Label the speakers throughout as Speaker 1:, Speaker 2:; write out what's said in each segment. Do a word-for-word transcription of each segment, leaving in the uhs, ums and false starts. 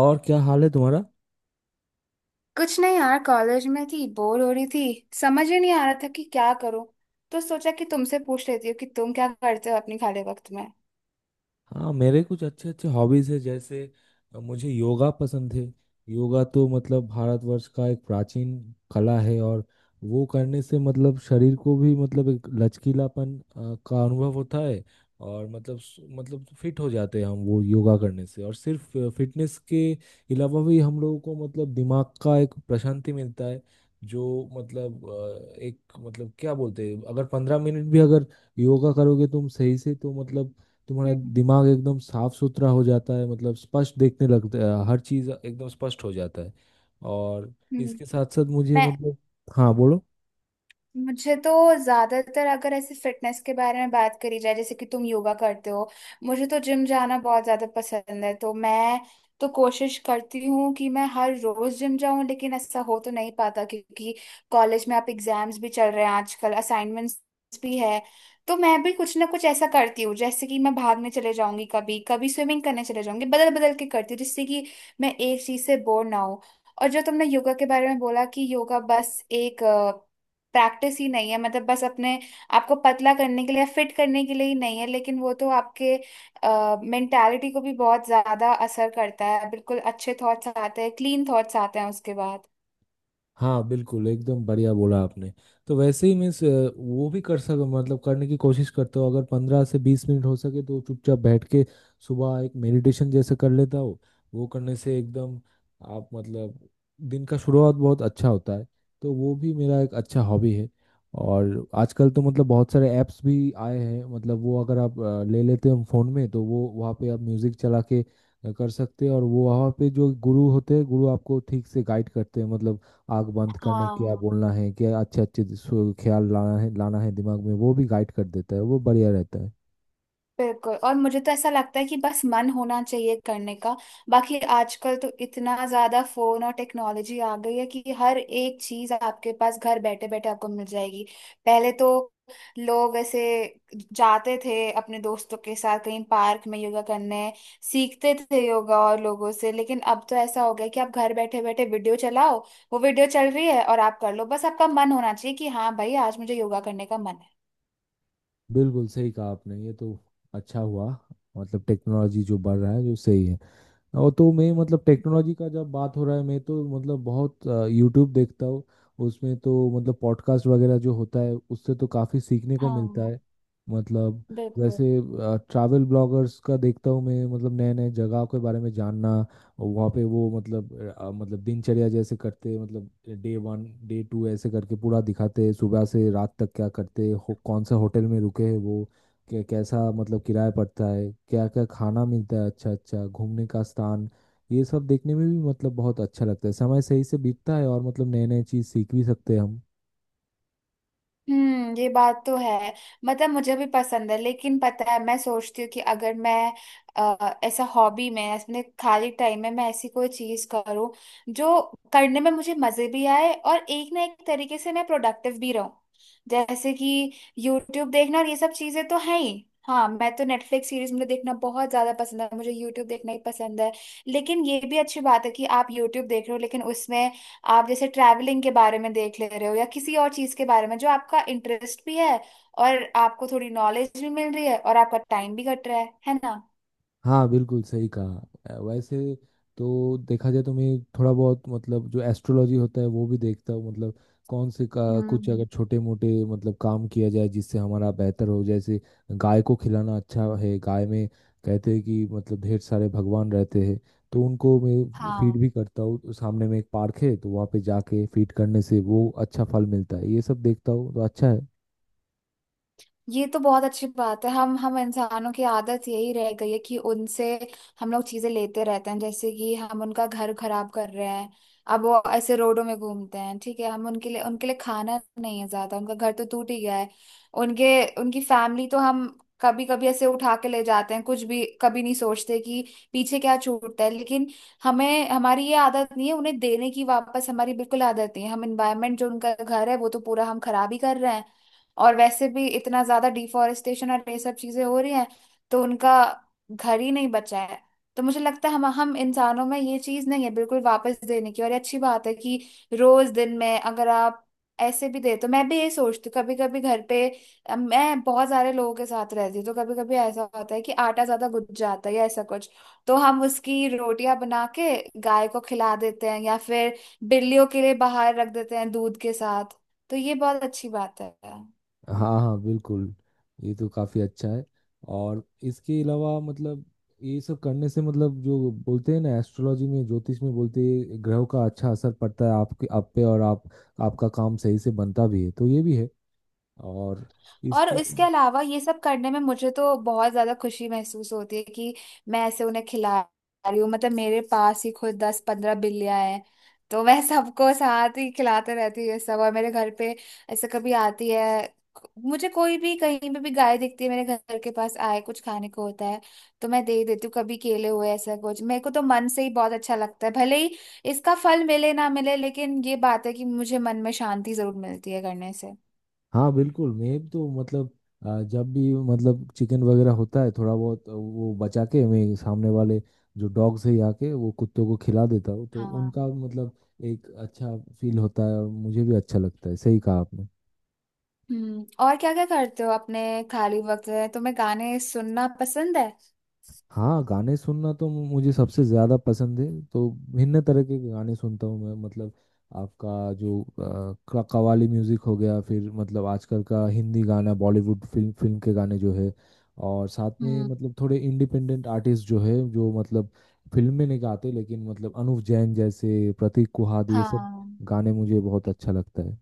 Speaker 1: और क्या हाल है तुम्हारा?
Speaker 2: कुछ नहीं यार, कॉलेज में थी, बोर हो रही थी। समझ ही नहीं आ रहा था कि क्या करूं। तो सोचा कि तुमसे पूछ लेती हूँ कि तुम क्या करते हो अपने खाली वक्त में।
Speaker 1: हाँ, मेरे कुछ अच्छे अच्छे हॉबीज है जैसे अ, मुझे योगा पसंद है। योगा तो मतलब भारतवर्ष का एक प्राचीन कला है, और वो करने से मतलब शरीर को भी मतलब एक लचकीलापन अ, का अनुभव होता है। और मतलब स- मतलब फिट हो जाते हैं हम वो योगा करने से, और सिर्फ फिटनेस के अलावा भी हम लोगों को मतलब दिमाग का एक प्रशांति मिलता है। जो मतलब अ, एक मतलब क्या बोलते हैं, अगर पंद्रह मिनट भी अगर योगा करोगे तुम सही से तो मतलब तुम्हारा
Speaker 2: हम्म।
Speaker 1: दिमाग एकदम साफ सुथरा हो जाता है, मतलब स्पष्ट देखने लगता है, हर चीज एकदम स्पष्ट हो जाता है। और
Speaker 2: हम्म।
Speaker 1: इसके साथ साथ मुझे
Speaker 2: मैं
Speaker 1: मतलब हाँ बोलो।
Speaker 2: मुझे तो ज्यादातर अगर ऐसे फिटनेस के बारे में बात करी जाए, जैसे कि तुम योगा करते हो, मुझे तो जिम जाना बहुत ज्यादा पसंद है, तो मैं तो कोशिश करती हूँ कि मैं हर रोज जिम जाऊँ, लेकिन ऐसा हो तो नहीं पाता क्योंकि कॉलेज में आप एग्जाम्स भी चल रहे हैं आजकल, असाइनमेंट्स भी है। तो मैं भी कुछ ना कुछ ऐसा करती हूँ, जैसे कि मैं भागने चले जाऊंगी, कभी कभी स्विमिंग करने चले जाऊंगी, बदल बदल के करती हूँ, जिससे कि मैं एक चीज से बोर ना हूँ। और जो तुमने योगा के बारे में बोला कि योगा बस एक प्रैक्टिस ही नहीं है, मतलब बस अपने आपको पतला करने के लिए, फिट करने के लिए ही नहीं है, लेकिन वो तो आपके मेंटालिटी को भी बहुत ज्यादा असर करता है, बिल्कुल अच्छे थॉट्स आते हैं, क्लीन थॉट्स आते हैं उसके बाद।
Speaker 1: हाँ, बिल्कुल एकदम बढ़िया बोला आपने। तो वैसे ही मीन्स वो भी कर सक मतलब करने की कोशिश करता हूँ, अगर पंद्रह से बीस मिनट हो सके तो चुपचाप बैठ के सुबह एक मेडिटेशन जैसे कर लेता हूँ। वो करने से एकदम आप मतलब दिन का शुरुआत बहुत अच्छा होता है। तो वो भी मेरा एक अच्छा हॉबी है। और आजकल तो मतलब बहुत सारे ऐप्स भी आए हैं, मतलब वो अगर आप अ, ले लेते हैं फ़ोन में, तो वो वहाँ पे आप म्यूज़िक चला के अ, कर सकते हैं, और वो वहाँ पे जो गुरु होते हैं गुरु आपको ठीक से गाइड करते हैं, मतलब आग बंद करने क्या
Speaker 2: हाँ
Speaker 1: बोलना है, क्या अच्छे अच्छे सु- ख्याल लाना है लाना है दिमाग में, वो भी गाइड कर देता है। वो बढ़िया रहता है।
Speaker 2: बिल्कुल। और मुझे तो ऐसा लगता है कि बस मन होना चाहिए करने का। बाकी आजकल तो इतना ज्यादा फोन और टेक्नोलॉजी आ गई है कि हर एक चीज आपके पास घर बैठे बैठे आपको मिल जाएगी। पहले तो लोग ऐसे जाते थे अपने दोस्तों के साथ कहीं पार्क में योगा करने, सीखते थे योगा और लोगों से, लेकिन अब तो ऐसा हो गया कि आप घर बैठे बैठे वीडियो चलाओ, वो वीडियो चल रही है और आप कर लो, बस आपका मन होना चाहिए कि हाँ भाई आज मुझे योगा करने का मन है।
Speaker 1: बिल्कुल सही कहा आपने। ये तो अच्छा हुआ मतलब टेक्नोलॉजी जो बढ़ रहा है जो सही है। और तो मैं मतलब टेक्नोलॉजी का जब बात हो रहा है, मैं तो मतलब बहुत यूट्यूब देखता हूँ। उसमें तो मतलब पॉडकास्ट वगैरह जो होता है उससे तो काफ़ी सीखने को मिलता
Speaker 2: हाँ
Speaker 1: है, मतलब
Speaker 2: बिल्कुल।
Speaker 1: जैसे ट्रैवल ब्लॉगर्स का देखता हूँ मैं, मतलब नए नए जगह के बारे में जानना। और वहाँ पे वो मतलब अ, मतलब दिनचर्या जैसे करते मतलब डे वन डे टू ऐसे करके पूरा दिखाते हैं, सुबह से रात तक क्या करते हो- कौन सा होटल में रुके हैं, वो कै- कैसा मतलब किराया पड़ता है, क्या क्या खाना मिलता है, अच्छा अच्छा घूमने का स्थान। ये सब देखने में भी मतलब बहुत अच्छा लगता है, समय सही से बीतता है, और मतलब नए नए चीज़ सीख भी सकते हैं हम।
Speaker 2: हम्म, ये बात तो है। मतलब मुझे भी पसंद है, लेकिन पता है मैं सोचती हूँ कि अगर मैं अ, ऐसा हॉबी में अपने खाली टाइम में मैं ऐसी कोई चीज करूँ जो करने में मुझे मजे भी आए और एक ना एक तरीके से मैं प्रोडक्टिव भी रहूँ। जैसे कि यूट्यूब देखना और ये सब चीजें तो है ही, हाँ मैं तो नेटफ्लिक्स सीरीज मुझे देखना बहुत ज्यादा पसंद है, मुझे यूट्यूब देखना ही पसंद है। लेकिन ये भी अच्छी बात है कि आप यूट्यूब देख रहे हो, लेकिन उसमें आप जैसे ट्रैवलिंग के बारे में देख ले रहे हो या किसी और चीज के बारे में जो आपका इंटरेस्ट भी है, और आपको थोड़ी नॉलेज भी मिल रही है और आपका टाइम भी कट रहा है है ना।
Speaker 1: हाँ, बिल्कुल सही कहा। अ, वैसे तो देखा जाए तो मैं थोड़ा बहुत मतलब जो एस्ट्रोलॉजी होता है वो भी देखता हूँ, मतलब कौन से का कुछ अगर
Speaker 2: हम्म।
Speaker 1: छोटे मोटे मतलब काम किया जाए जिससे हमारा बेहतर हो, जैसे गाय को खिलाना अच्छा है, गाय में कहते हैं कि मतलब ढेर सारे भगवान रहते हैं। तो उनको मैं फीड
Speaker 2: हाँ,
Speaker 1: भी करता हूँ, तो सामने में एक पार्क है, तो वहाँ पे जाके फीड करने से वो अच्छा फल मिलता है, ये सब देखता हूँ तो अच्छा है।
Speaker 2: ये तो बहुत अच्छी बात है। हम हम इंसानों की आदत यही रह गई है कि उनसे हम लोग चीजें लेते रहते हैं, जैसे कि हम उनका घर खराब कर रहे हैं। अब वो ऐसे रोडों में घूमते हैं, ठीक है, हम उनके लिए उनके लिए खाना नहीं है ज्यादा, उनका घर तो टूट ही गया है, उनके उनकी फैमिली तो हम कभी कभी ऐसे उठा के ले जाते हैं, कुछ भी कभी नहीं सोचते कि पीछे क्या छूटता है। लेकिन हमें हमारी ये आदत नहीं है उन्हें देने की वापस, हमारी बिल्कुल आदत नहीं है। हम इन्वायरमेंट जो उनका घर है, वो तो पूरा हम खराब ही कर रहे हैं। और वैसे भी इतना ज्यादा डिफोरेस्टेशन और ये सब चीजें हो रही हैं, तो उनका घर ही नहीं बचा है। तो मुझे लगता है हम हम इंसानों में ये चीज नहीं है बिल्कुल वापस देने की। और ये अच्छी बात है कि रोज दिन में अगर आप ऐसे भी दे, तो मैं भी ये सोचती हूँ कभी कभी घर पे, अ, मैं बहुत सारे लोगों के साथ रहती हूँ तो कभी कभी ऐसा होता है कि आटा ज्यादा गुज जाता है या ऐसा कुछ, तो हम उसकी रोटियां बना के गाय को खिला देते हैं या फिर बिल्लियों के लिए बाहर रख देते हैं दूध के साथ, तो ये बहुत अच्छी बात है।
Speaker 1: हाँ हाँ, बिल्कुल। ये तो काफी अच्छा है। और इसके अलावा मतलब ये सब करने से मतलब जो बोलते हैं ना, एस्ट्रोलॉजी में ज्योतिष में बोलते हैं, ग्रहों का अच्छा असर पड़ता है आपके आप पे, और आप आपका काम सही से बनता भी है, तो ये भी है। और
Speaker 2: और
Speaker 1: इसके
Speaker 2: इसके अलावा ये सब करने में मुझे तो बहुत ज्यादा खुशी महसूस होती है कि मैं ऐसे उन्हें खिला रही हूँ। मतलब मेरे पास ही खुद दस पंद्रह बिल्लियां हैं, तो मैं सबको साथ ही खिलाते रहती हूँ ये सब। और मेरे घर पे ऐसे कभी आती है, मुझे कोई भी कहीं पे भी गाय दिखती है, मेरे घर के पास आए कुछ खाने को होता है तो मैं दे देती हूँ, कभी केले हुए, ऐसा कुछ। मेरे को तो मन से ही बहुत अच्छा लगता है, भले ही इसका फल मिले ना मिले, लेकिन ये बात है कि मुझे मन में शांति जरूर मिलती है करने से।
Speaker 1: हाँ, बिल्कुल। मैं तो मतलब अ, जब भी मतलब चिकन वगैरह होता है थोड़ा बहुत आ, वो बचा के मैं सामने वाले जो डॉग्स है आके वो कुत्तों को खिला देता हूँ, तो
Speaker 2: हाँ।
Speaker 1: उनका मतलब एक अच्छा फील होता है, और मुझे भी अच्छा लगता है। सही कहा आपने।
Speaker 2: हम्म, और क्या क्या करते हो अपने खाली वक्त में, तुम्हें गाने सुनना पसंद है?
Speaker 1: हाँ, गाने सुनना तो मुझे सबसे ज़्यादा पसंद है। तो भिन्न तरह के गाने सुनता हूँ मैं, मतलब आपका जो अ, क- कव्वाली म्यूज़िक हो गया, फिर मतलब आजकल का हिंदी गाना, बॉलीवुड फिल्म फिल्म के गाने जो है, और साथ में
Speaker 2: हम्म।
Speaker 1: मतलब थोड़े इंडिपेंडेंट आर्टिस्ट जो है जो मतलब फिल्म में नहीं गाते, लेकिन मतलब अनुव जैन जैसे, प्रतीक कुहाद, ये सब
Speaker 2: हाँ।
Speaker 1: गाने मुझे बहुत
Speaker 2: तो
Speaker 1: अच्छा लगता है।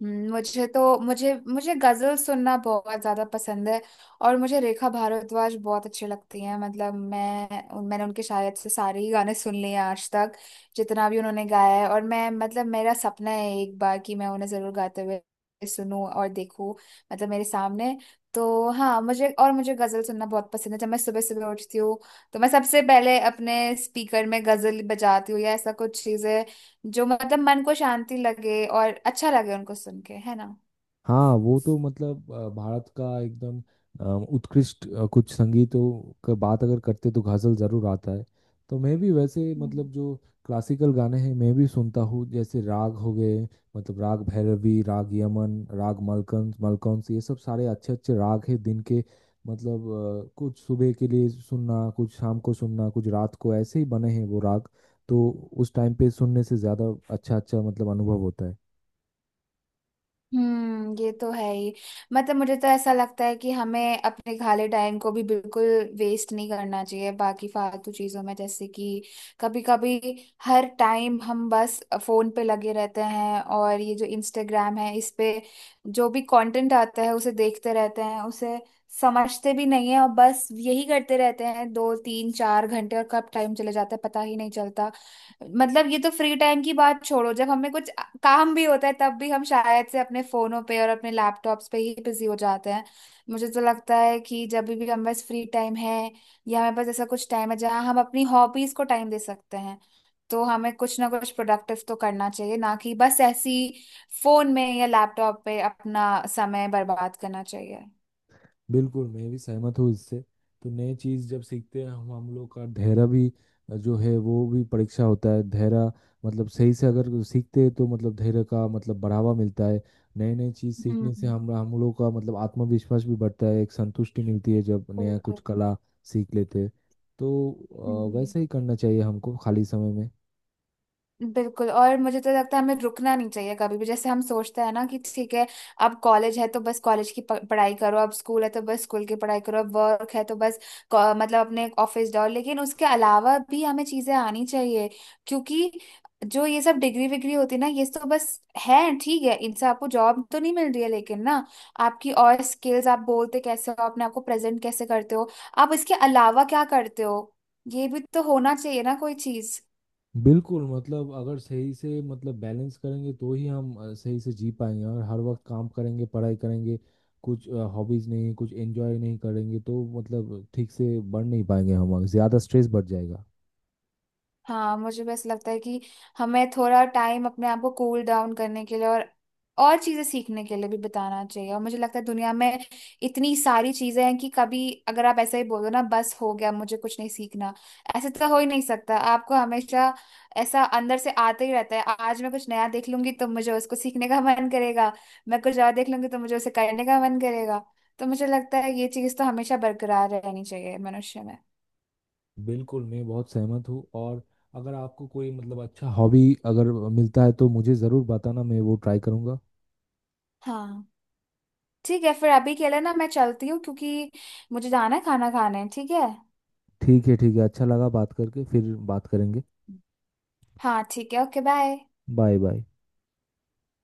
Speaker 2: हम्म, मुझे तो मुझे मुझे गजल सुनना बहुत ज्यादा पसंद है। और मुझे रेखा भारद्वाज बहुत अच्छी लगती हैं, मतलब मैं उन- मैंने उनके शायद से सारे ही गाने सुन लिए हैं आज तक, जितना भी उन्होंने गाया है। और मैं मतलब मेरा सपना है एक बार कि मैं उन्हें जरूर गाते हुए सुनूं और देखूं, मतलब मेरे सामने। तो हाँ, मुझे और मुझे गजल सुनना बहुत पसंद है, जब मैं सुबह सुबह उठती हूँ तो मैं सबसे पहले अपने स्पीकर में गजल बजाती हूँ, या ऐसा कुछ चीजें जो मतलब मन को शांति लगे और अच्छा लगे, उनको सुन के, है ना।
Speaker 1: हाँ, वो तो मतलब अ, भारत का एकदम अ, उत्कृष्ट अ, कुछ संगीतों का बात अगर करते तो गजल जरूर आता है। तो मैं भी वैसे
Speaker 2: हम्म।
Speaker 1: मतलब जो क्लासिकल गाने हैं मैं भी सुनता हूँ, जैसे राग हो गए मतलब राग भैरवी, राग यमन, राग मलकंस मलकंस, ये सब सारे अच्छे अच्छे राग हैं दिन के, मतलब अ, कुछ सुबह के लिए सुनना, कुछ शाम को सुनना, कुछ रात को, ऐसे ही बने हैं वो राग। तो उस टाइम पे सुनने से ज़्यादा अच्छा अच्छा मतलब अनुभव होता है।
Speaker 2: हम्म ये तो है ही। मतलब मुझे तो ऐसा लगता है कि हमें अपने खाली टाइम को भी बिल्कुल वेस्ट नहीं करना चाहिए बाकी फालतू चीजों में, जैसे कि कभी कभी, हर टाइम हम बस फोन पे लगे रहते हैं, और ये जो इंस्टाग्राम है इस पे जो भी कंटेंट आता है उसे देखते रहते हैं, उसे समझते भी नहीं है और बस यही करते रहते हैं दो तीन चार घंटे, और कब टाइम चले जाता है पता ही नहीं चलता। मतलब ये तो फ्री टाइम की बात छोड़ो, जब हमें कुछ काम भी होता है तब भी हम शायद से अपने फोनों पे और अपने लैपटॉप्स पे ही बिजी हो जाते हैं। मुझे तो लगता है कि जब भी हमारे पास फ्री टाइम है या हमारे पास ऐसा कुछ टाइम है जहाँ हम अपनी हॉबीज को टाइम दे सकते हैं, तो हमें कुछ ना कुछ प्रोडक्टिव तो करना चाहिए, ना कि बस ऐसी फोन में या लैपटॉप पे अपना समय बर्बाद करना चाहिए।
Speaker 1: बिल्कुल, मैं भी सहमत हूँ इससे। तो नई चीज़ जब सीखते हैं हम हम लोग का धैर्य भी अ, जो है वो भी परीक्षा होता है धैर्य, मतलब सही से अगर सीखते हैं तो मतलब धैर्य का मतलब बढ़ावा मिलता है। नई नई चीज़ सीखने से
Speaker 2: हम्म।
Speaker 1: हम हम लोग का मतलब आत्मविश्वास भी बढ़ता है, एक संतुष्टि मिलती है जब नया
Speaker 2: ओके।
Speaker 1: कुछ कला सीख लेते हैं। तो अ,
Speaker 2: हम्म।
Speaker 1: वैसा ही करना चाहिए हमको खाली समय में।
Speaker 2: बिल्कुल, और मुझे तो लगता है हमें रुकना नहीं चाहिए कभी भी, जैसे हम सोचते हैं ना कि ठीक है, अब कॉलेज है तो बस कॉलेज की प- पढ़ाई करो, अब स्कूल है तो बस स्कूल की पढ़ाई करो, अब वर्क है तो बस क- मतलब अपने ऑफिस जाओ, लेकिन उसके अलावा भी हमें चीजें आनी चाहिए, क्योंकि जो ये सब डिग्री विग्री होती है ना ये तो बस है, ठीक है, इनसे आपको जॉब तो नहीं मिल रही है, लेकिन ना, आपकी और स्किल्स, आप बोलते कैसे हो, अपने आपको प्रेजेंट कैसे करते हो, आप इसके अलावा क्या करते हो, ये भी तो होना चाहिए ना कोई चीज।
Speaker 1: बिल्कुल, मतलब अगर सही से मतलब बैलेंस करेंगे तो ही हम अ, सही से जी पाएंगे, और हर वक्त काम करेंगे पढ़ाई करेंगे, कुछ हॉबीज नहीं कुछ एंजॉय नहीं करेंगे तो मतलब ठीक से बढ़ नहीं पाएंगे हम, और ज़्यादा स्ट्रेस बढ़ जाएगा।
Speaker 2: हाँ, मुझे बस लगता है कि हमें थोड़ा टाइम अपने आप को कूल डाउन करने के लिए और और चीजें सीखने के लिए भी बिताना चाहिए। और मुझे लगता है दुनिया में इतनी सारी चीजें हैं कि कभी अगर आप ऐसे ही बोल दो ना बस हो गया, मुझे कुछ नहीं सीखना, ऐसे तो हो ही नहीं सकता। आपको हमेशा ऐसा अंदर से आते ही रहता है, आज मैं कुछ नया देख लूंगी तो मुझे उसको सीखने का मन करेगा, मैं कुछ और देख लूंगी तो मुझे उसे करने का मन करेगा। तो मुझे लगता है ये चीज तो हमेशा बरकरार रहनी चाहिए मनुष्य में।
Speaker 1: बिल्कुल, मैं बहुत सहमत हूँ। और अगर आपको कोई मतलब अच्छा हॉबी अगर मिलता है तो मुझे ज़रूर बताना, मैं वो ट्राई करूँगा।
Speaker 2: हाँ ठीक है, फिर अभी के लिए ना मैं चलती हूँ क्योंकि मुझे जाना है खाना खाने। ठीक है।
Speaker 1: ठीक है ठीक है, अच्छा लगा बात करके। फिर बात करेंगे।
Speaker 2: हाँ ठीक है, ओके बाय।
Speaker 1: Bye bye.